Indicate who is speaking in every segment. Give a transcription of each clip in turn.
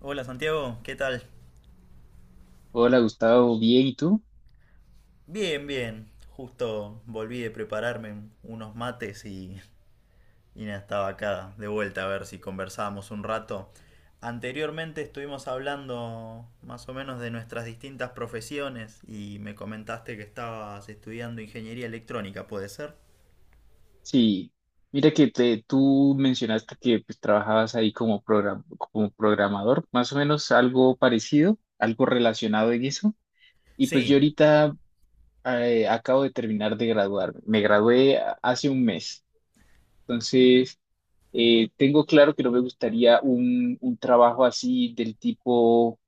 Speaker 1: Hola Santiago, ¿qué tal?
Speaker 2: Hola Gustavo, bien, ¿y tú?
Speaker 1: Bien, bien. Justo volví de prepararme unos mates y nada, estaba acá de vuelta a ver si conversábamos un rato. Anteriormente estuvimos hablando más o menos de nuestras distintas profesiones y me comentaste que estabas estudiando ingeniería electrónica, ¿puede ser?
Speaker 2: Sí, mira tú mencionaste que pues, trabajabas ahí como, como programador, más o menos algo parecido, algo relacionado en eso. Y pues
Speaker 1: Sí,
Speaker 2: yo ahorita acabo de terminar de graduarme, me gradué hace un mes, entonces tengo claro que no me gustaría un trabajo así del tipo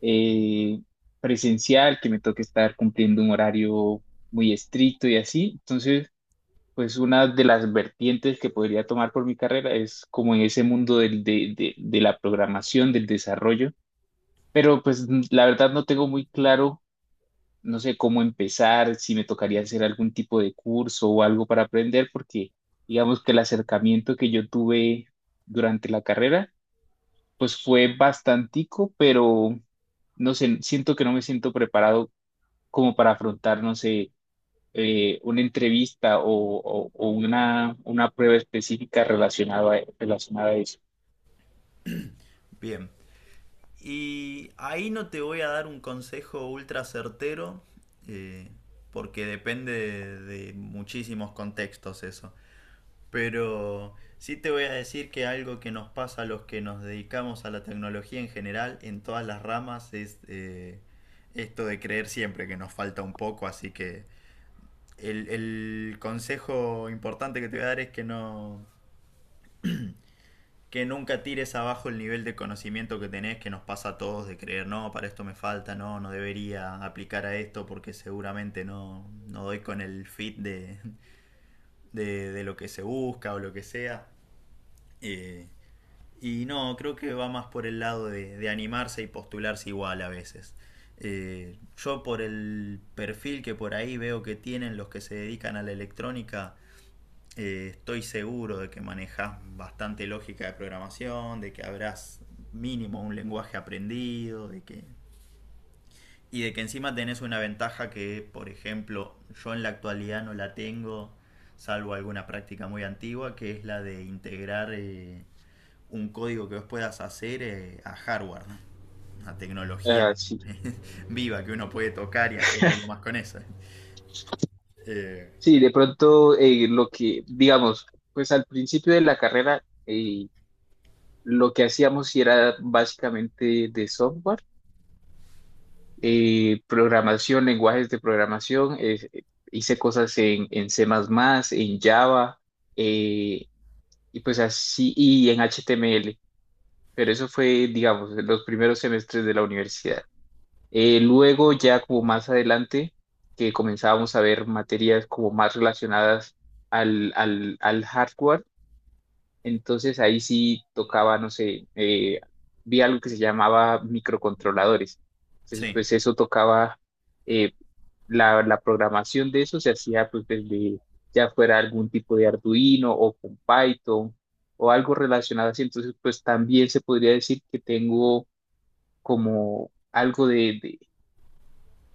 Speaker 2: eh, presencial, que me toque estar cumpliendo un horario muy estricto y así, entonces. Pues una de las vertientes que podría tomar por mi carrera es como en ese mundo de la programación, del desarrollo, pero pues la verdad no tengo muy claro, no sé cómo empezar, si me tocaría hacer algún tipo de curso o algo para aprender, porque digamos que el acercamiento que yo tuve durante la carrera, pues fue bastantico, pero no sé, siento que no me siento preparado como para afrontar, no sé una entrevista o una prueba específica relacionada, relacionada a eso.
Speaker 1: bien. Y ahí no te voy a dar un consejo ultra certero, eh, porque depende de muchísimos contextos eso. Pero sí te voy a decir que algo que nos pasa a los que nos dedicamos a la tecnología en general, en todas las ramas, es esto de creer siempre que nos falta un poco. Así que el consejo importante que te voy a dar es que no que nunca tires abajo el nivel de conocimiento que tenés, que nos pasa a todos de creer, no, para esto me falta, no, no debería aplicar a esto porque seguramente no, no doy con el fit de lo que se busca o lo que sea. Eh, Y no, creo que va más por el lado de animarse y postularse igual a veces. Yo por el perfil que por ahí veo que tienen los que se dedican a la electrónica, estoy seguro de que manejas bastante lógica de programación, de que habrás mínimo un lenguaje aprendido, de que y de que encima tenés una ventaja que, por ejemplo, yo en la actualidad no la tengo, salvo alguna práctica muy antigua, que es la de integrar un código que vos puedas hacer a hardware, ¿no? Una tecnología
Speaker 2: Ah, sí.
Speaker 1: viva que uno puede tocar y hacer algo más con eso. Eh,
Speaker 2: Sí, de pronto lo que, digamos, pues al principio de la carrera, lo que hacíamos sí era básicamente de software, programación, lenguajes de programación, hice cosas en C++, en Java, eh, y pues así, y en HTML, pero eso fue, digamos, en los primeros semestres de la universidad. Luego ya como más adelante, que comenzábamos a ver materias como más relacionadas al hardware, entonces ahí sí tocaba, no sé, vi algo que se llamaba microcontroladores. Entonces,
Speaker 1: sí,
Speaker 2: pues eso tocaba, eh, la programación de eso se hacía pues desde ya fuera algún tipo de Arduino o con Python o algo relacionado así. Entonces, pues también se podría decir que tengo como algo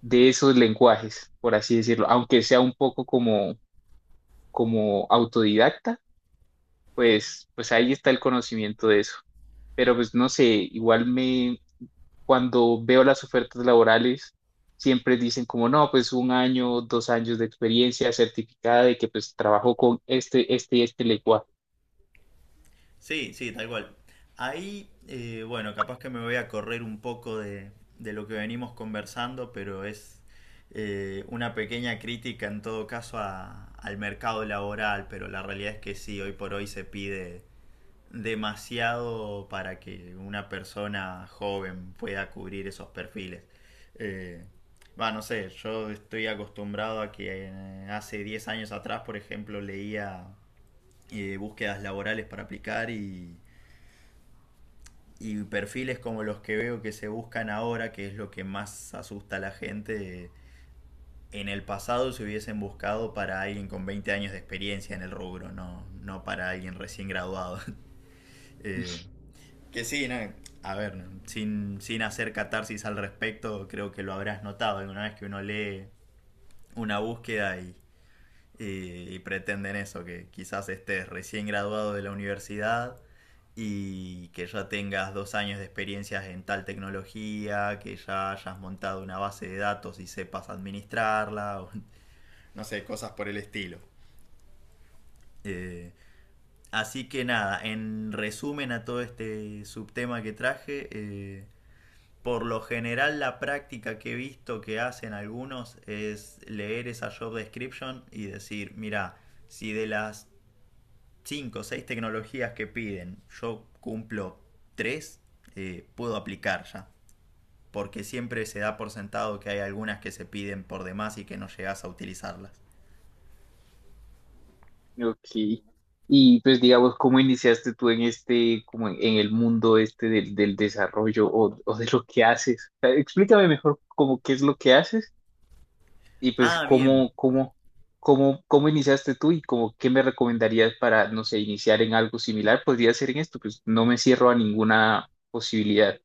Speaker 2: de esos lenguajes, por así decirlo, aunque sea un poco como, como autodidacta, pues, pues ahí está el conocimiento de eso. Pero pues no sé, igual me, cuando veo las ofertas laborales, siempre dicen como, no, pues un año, dos años de experiencia certificada de que pues trabajo con este, este y este lenguaje.
Speaker 1: sí, tal cual. Ahí, bueno, capaz que me voy a correr un poco de lo que venimos conversando, pero es una pequeña crítica en todo caso al mercado laboral, pero la realidad es que sí, hoy por hoy se pide demasiado para que una persona joven pueda cubrir esos perfiles. Eh, va, no sé, yo estoy acostumbrado a que hace 10 años atrás, por ejemplo, leía búsquedas laborales para aplicar y perfiles como los que veo que se buscan ahora, que es lo que más asusta a la gente. En el pasado se hubiesen buscado para alguien con 20 años de experiencia en el rubro, no, no para alguien recién graduado. Eh, Que sí, no, a ver, sin hacer catarsis al respecto, creo que lo habrás notado alguna vez que uno lee una búsqueda y pretenden eso, que quizás estés recién graduado de la universidad y que ya tengas 2 años de experiencias en tal tecnología, que ya hayas montado una base de datos y sepas administrarla, o no sé, cosas por el estilo. Eh, así que nada, en resumen a todo este subtema que traje, por lo general la práctica que he visto que hacen algunos es leer esa job description y decir, mira, si de las 5 o 6 tecnologías que piden yo cumplo 3, puedo aplicar ya. Porque siempre se da por sentado que hay algunas que se piden por demás y que no llegas a utilizarlas.
Speaker 2: Ok. Y pues digamos, ¿cómo iniciaste tú en este, como en el mundo este del desarrollo o de lo que haces? O sea, explícame mejor como qué es lo que haces. Y pues,
Speaker 1: Ah, bien,
Speaker 2: ¿cómo iniciaste tú y como qué me recomendarías para, no sé, iniciar en algo similar? Podría ser en esto, pues no me cierro a ninguna posibilidad.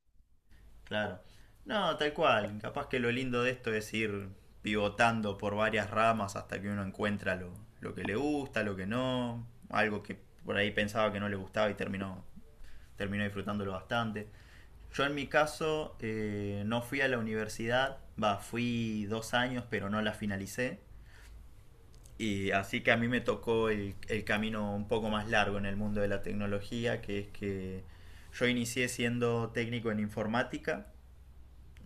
Speaker 1: claro. No, tal cual. Capaz que lo lindo de esto es ir pivotando por varias ramas hasta que uno encuentra lo que le gusta, lo que no, algo que por ahí pensaba que no le gustaba y terminó, terminó disfrutándolo bastante. Yo en mi caso no fui a la universidad, va, fui 2 años pero no la finalicé. Y así que a mí me tocó el camino un poco más largo en el mundo de la tecnología, que es que yo inicié siendo técnico en informática.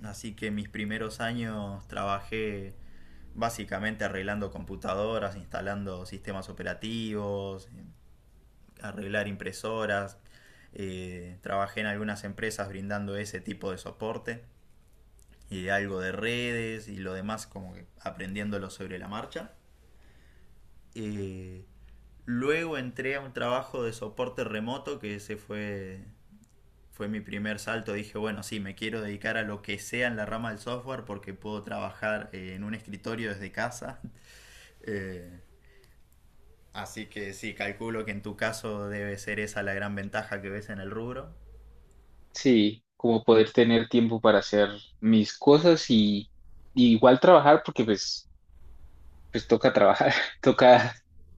Speaker 1: Así que mis primeros años trabajé básicamente arreglando computadoras, instalando sistemas operativos, arreglar impresoras. Trabajé en algunas empresas brindando ese tipo de soporte y algo de redes y lo demás como que aprendiéndolo sobre la marcha. Eh, luego entré a un trabajo de soporte remoto que ese fue fue mi primer salto. Dije, bueno, sí, me quiero dedicar a lo que sea en la rama del software porque puedo trabajar en un escritorio desde casa. Eh, así que sí, calculo que en tu caso debe ser esa la gran ventaja que ves en el rubro.
Speaker 2: Sí, como poder tener tiempo para hacer mis cosas y igual trabajar, porque pues, pues toca trabajar, toca,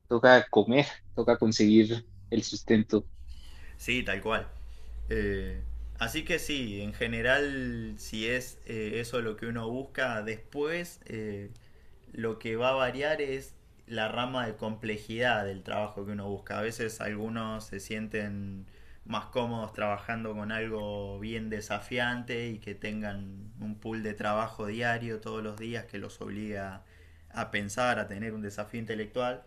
Speaker 2: toca comer, toca conseguir el sustento.
Speaker 1: Sí, tal cual. Eh, así que sí, en general, si es eso lo que uno busca, después lo que va a variar es la rama de complejidad del trabajo que uno busca. A veces algunos se sienten más cómodos trabajando con algo bien desafiante y que tengan un pool de trabajo diario todos los días que los obliga a pensar, a tener un desafío intelectual.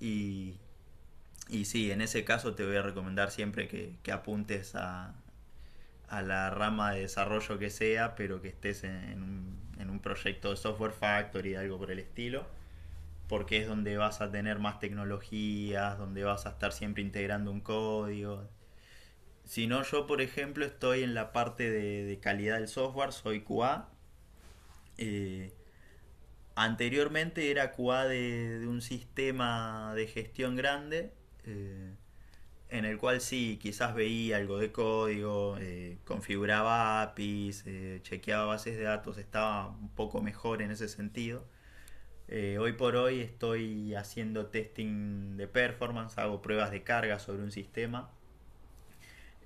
Speaker 1: Y y sí, en ese caso te voy a recomendar siempre que apuntes a la rama de desarrollo que sea, pero que estés en un proyecto de software factory, algo por el estilo, porque es donde vas a tener más tecnologías, donde vas a estar siempre integrando un código. Si no, yo por ejemplo estoy en la parte de calidad del software, soy QA. eh, anteriormente era QA de un sistema de gestión grande. eh, en el cual sí, quizás veía algo de código, configuraba APIs, chequeaba bases de datos, estaba un poco mejor en ese sentido. Hoy por hoy estoy haciendo testing de performance, hago pruebas de carga sobre un sistema.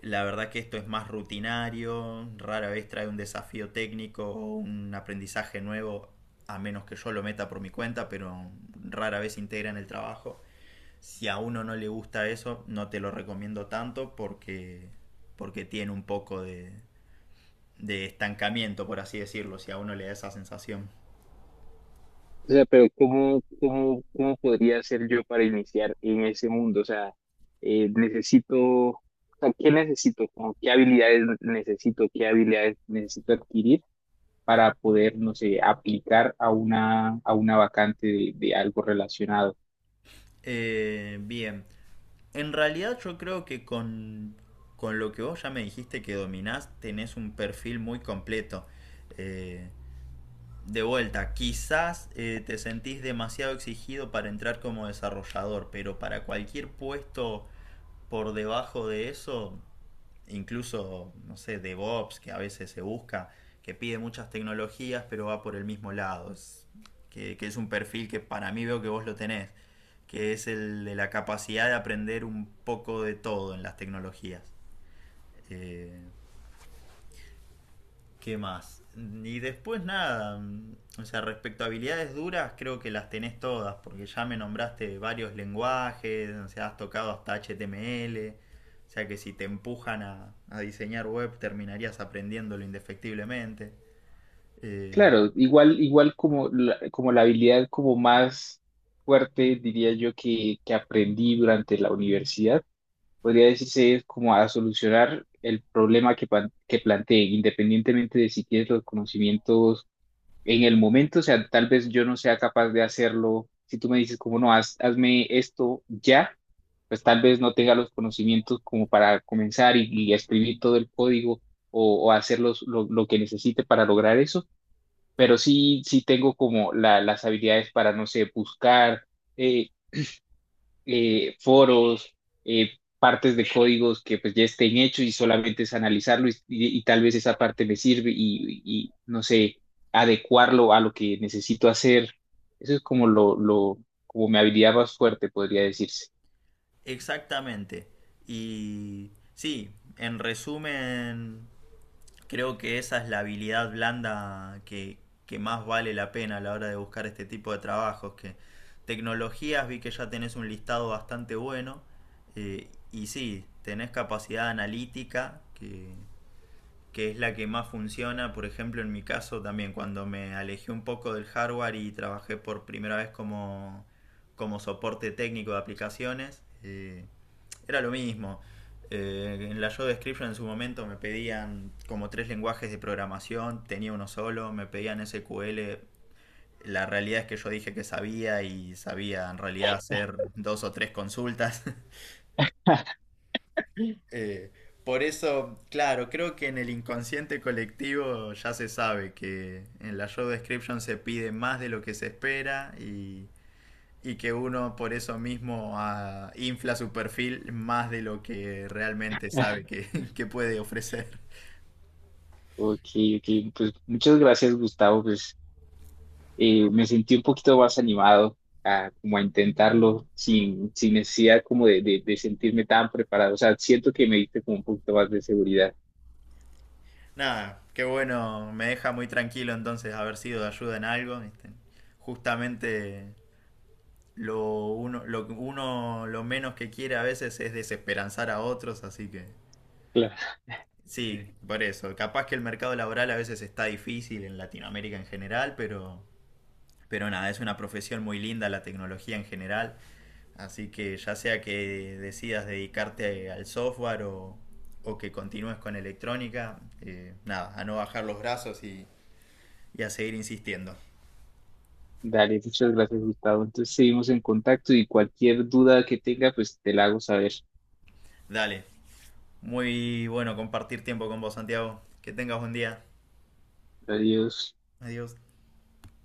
Speaker 1: La verdad que esto es más rutinario, rara vez trae un desafío técnico o un aprendizaje nuevo, a menos que yo lo meta por mi cuenta, pero rara vez integra en el trabajo. Si a uno no le gusta eso, no te lo recomiendo tanto porque, porque tiene un poco de estancamiento, por así decirlo, si a uno le da esa sensación.
Speaker 2: O sea, pero ¿cómo podría hacer yo para iniciar en ese mundo? O sea, necesito, o sea, ¿qué necesito? Como, ¿qué habilidades necesito? ¿Qué habilidades necesito adquirir para poder, no sé, aplicar a una vacante de algo relacionado?
Speaker 1: Bien, en realidad yo creo que con lo que vos ya me dijiste que dominás, tenés un perfil muy completo. Eh, de vuelta, quizás te sentís demasiado exigido para entrar como desarrollador, pero para cualquier puesto por debajo de eso, incluso, no sé, DevOps, que a veces se busca, que pide muchas tecnologías, pero va por el mismo lado. Que es un perfil que para mí veo que vos lo tenés, que es el de la capacidad de aprender un poco de todo en las tecnologías. Eh, ¿Qué más? Y después nada, o sea, respecto a habilidades duras, creo que las tenés todas, porque ya me nombraste varios lenguajes, o sea, has tocado hasta HTML, o sea que si te empujan a diseñar web terminarías aprendiéndolo indefectiblemente. Eh,
Speaker 2: Claro, igual, igual como la habilidad como más fuerte, diría yo, que aprendí durante la universidad podría decirse es como a solucionar el problema que, que planteen, independientemente de si tienes los conocimientos en el momento, o sea, tal vez yo no sea capaz de hacerlo. Si tú me dices como no, hazme esto ya, pues tal vez no tenga los conocimientos como para comenzar y escribir todo el código o hacer lo que necesite para lograr eso, pero sí, sí tengo como las habilidades para, no sé, buscar. eh, Foros, eh, partes de códigos que pues ya estén hechos y solamente es analizarlo y tal vez esa parte me sirve y, no sé, adecuarlo a lo que necesito hacer. Eso es como lo, como mi habilidad más fuerte, podría decirse.
Speaker 1: exactamente. Y sí, en resumen, creo que esa es la habilidad blanda que más vale la pena a la hora de buscar este tipo de trabajos. Que tecnologías, vi que ya tenés un listado bastante bueno. Y sí, tenés capacidad analítica, que es la que más funciona, por ejemplo, en mi caso también, cuando me alejé un poco del hardware y trabajé por primera vez como, como soporte técnico de aplicaciones, era lo mismo. En la show description en su momento me pedían como tres lenguajes de programación, tenía uno solo, me pedían SQL. La realidad es que yo dije que sabía y sabía en realidad hacer dos o tres consultas. Eh, por eso, claro, creo que en el inconsciente colectivo ya se sabe que en la show description se pide más de lo que se espera y que uno por eso mismo infla su perfil más de lo que realmente sabe que, que puede ofrecer.
Speaker 2: Ok, ok, pues muchas gracias, Gustavo. Pues me sentí un poquito más animado a, como a intentarlo sin, sin necesidad como de sentirme tan preparado. O sea, siento que me diste como un poquito más de seguridad.
Speaker 1: Nada, qué bueno, me deja muy tranquilo entonces haber sido de ayuda en algo. ¿Viste? Justamente lo uno lo menos que quiere a veces es desesperanzar a otros, así que
Speaker 2: Claro.
Speaker 1: sí, por eso. Capaz que el mercado laboral a veces está difícil en Latinoamérica en general, pero nada, es una profesión muy linda la tecnología en general. Así que ya sea que decidas dedicarte al software o que continúes con electrónica, nada, a no bajar los brazos y a seguir insistiendo.
Speaker 2: Dale, muchas gracias, Gustavo. Entonces seguimos en contacto y cualquier duda que tenga, pues te la hago saber.
Speaker 1: Dale, muy bueno compartir tiempo con vos, Santiago. Que tengas buen día.
Speaker 2: Adiós.
Speaker 1: Adiós.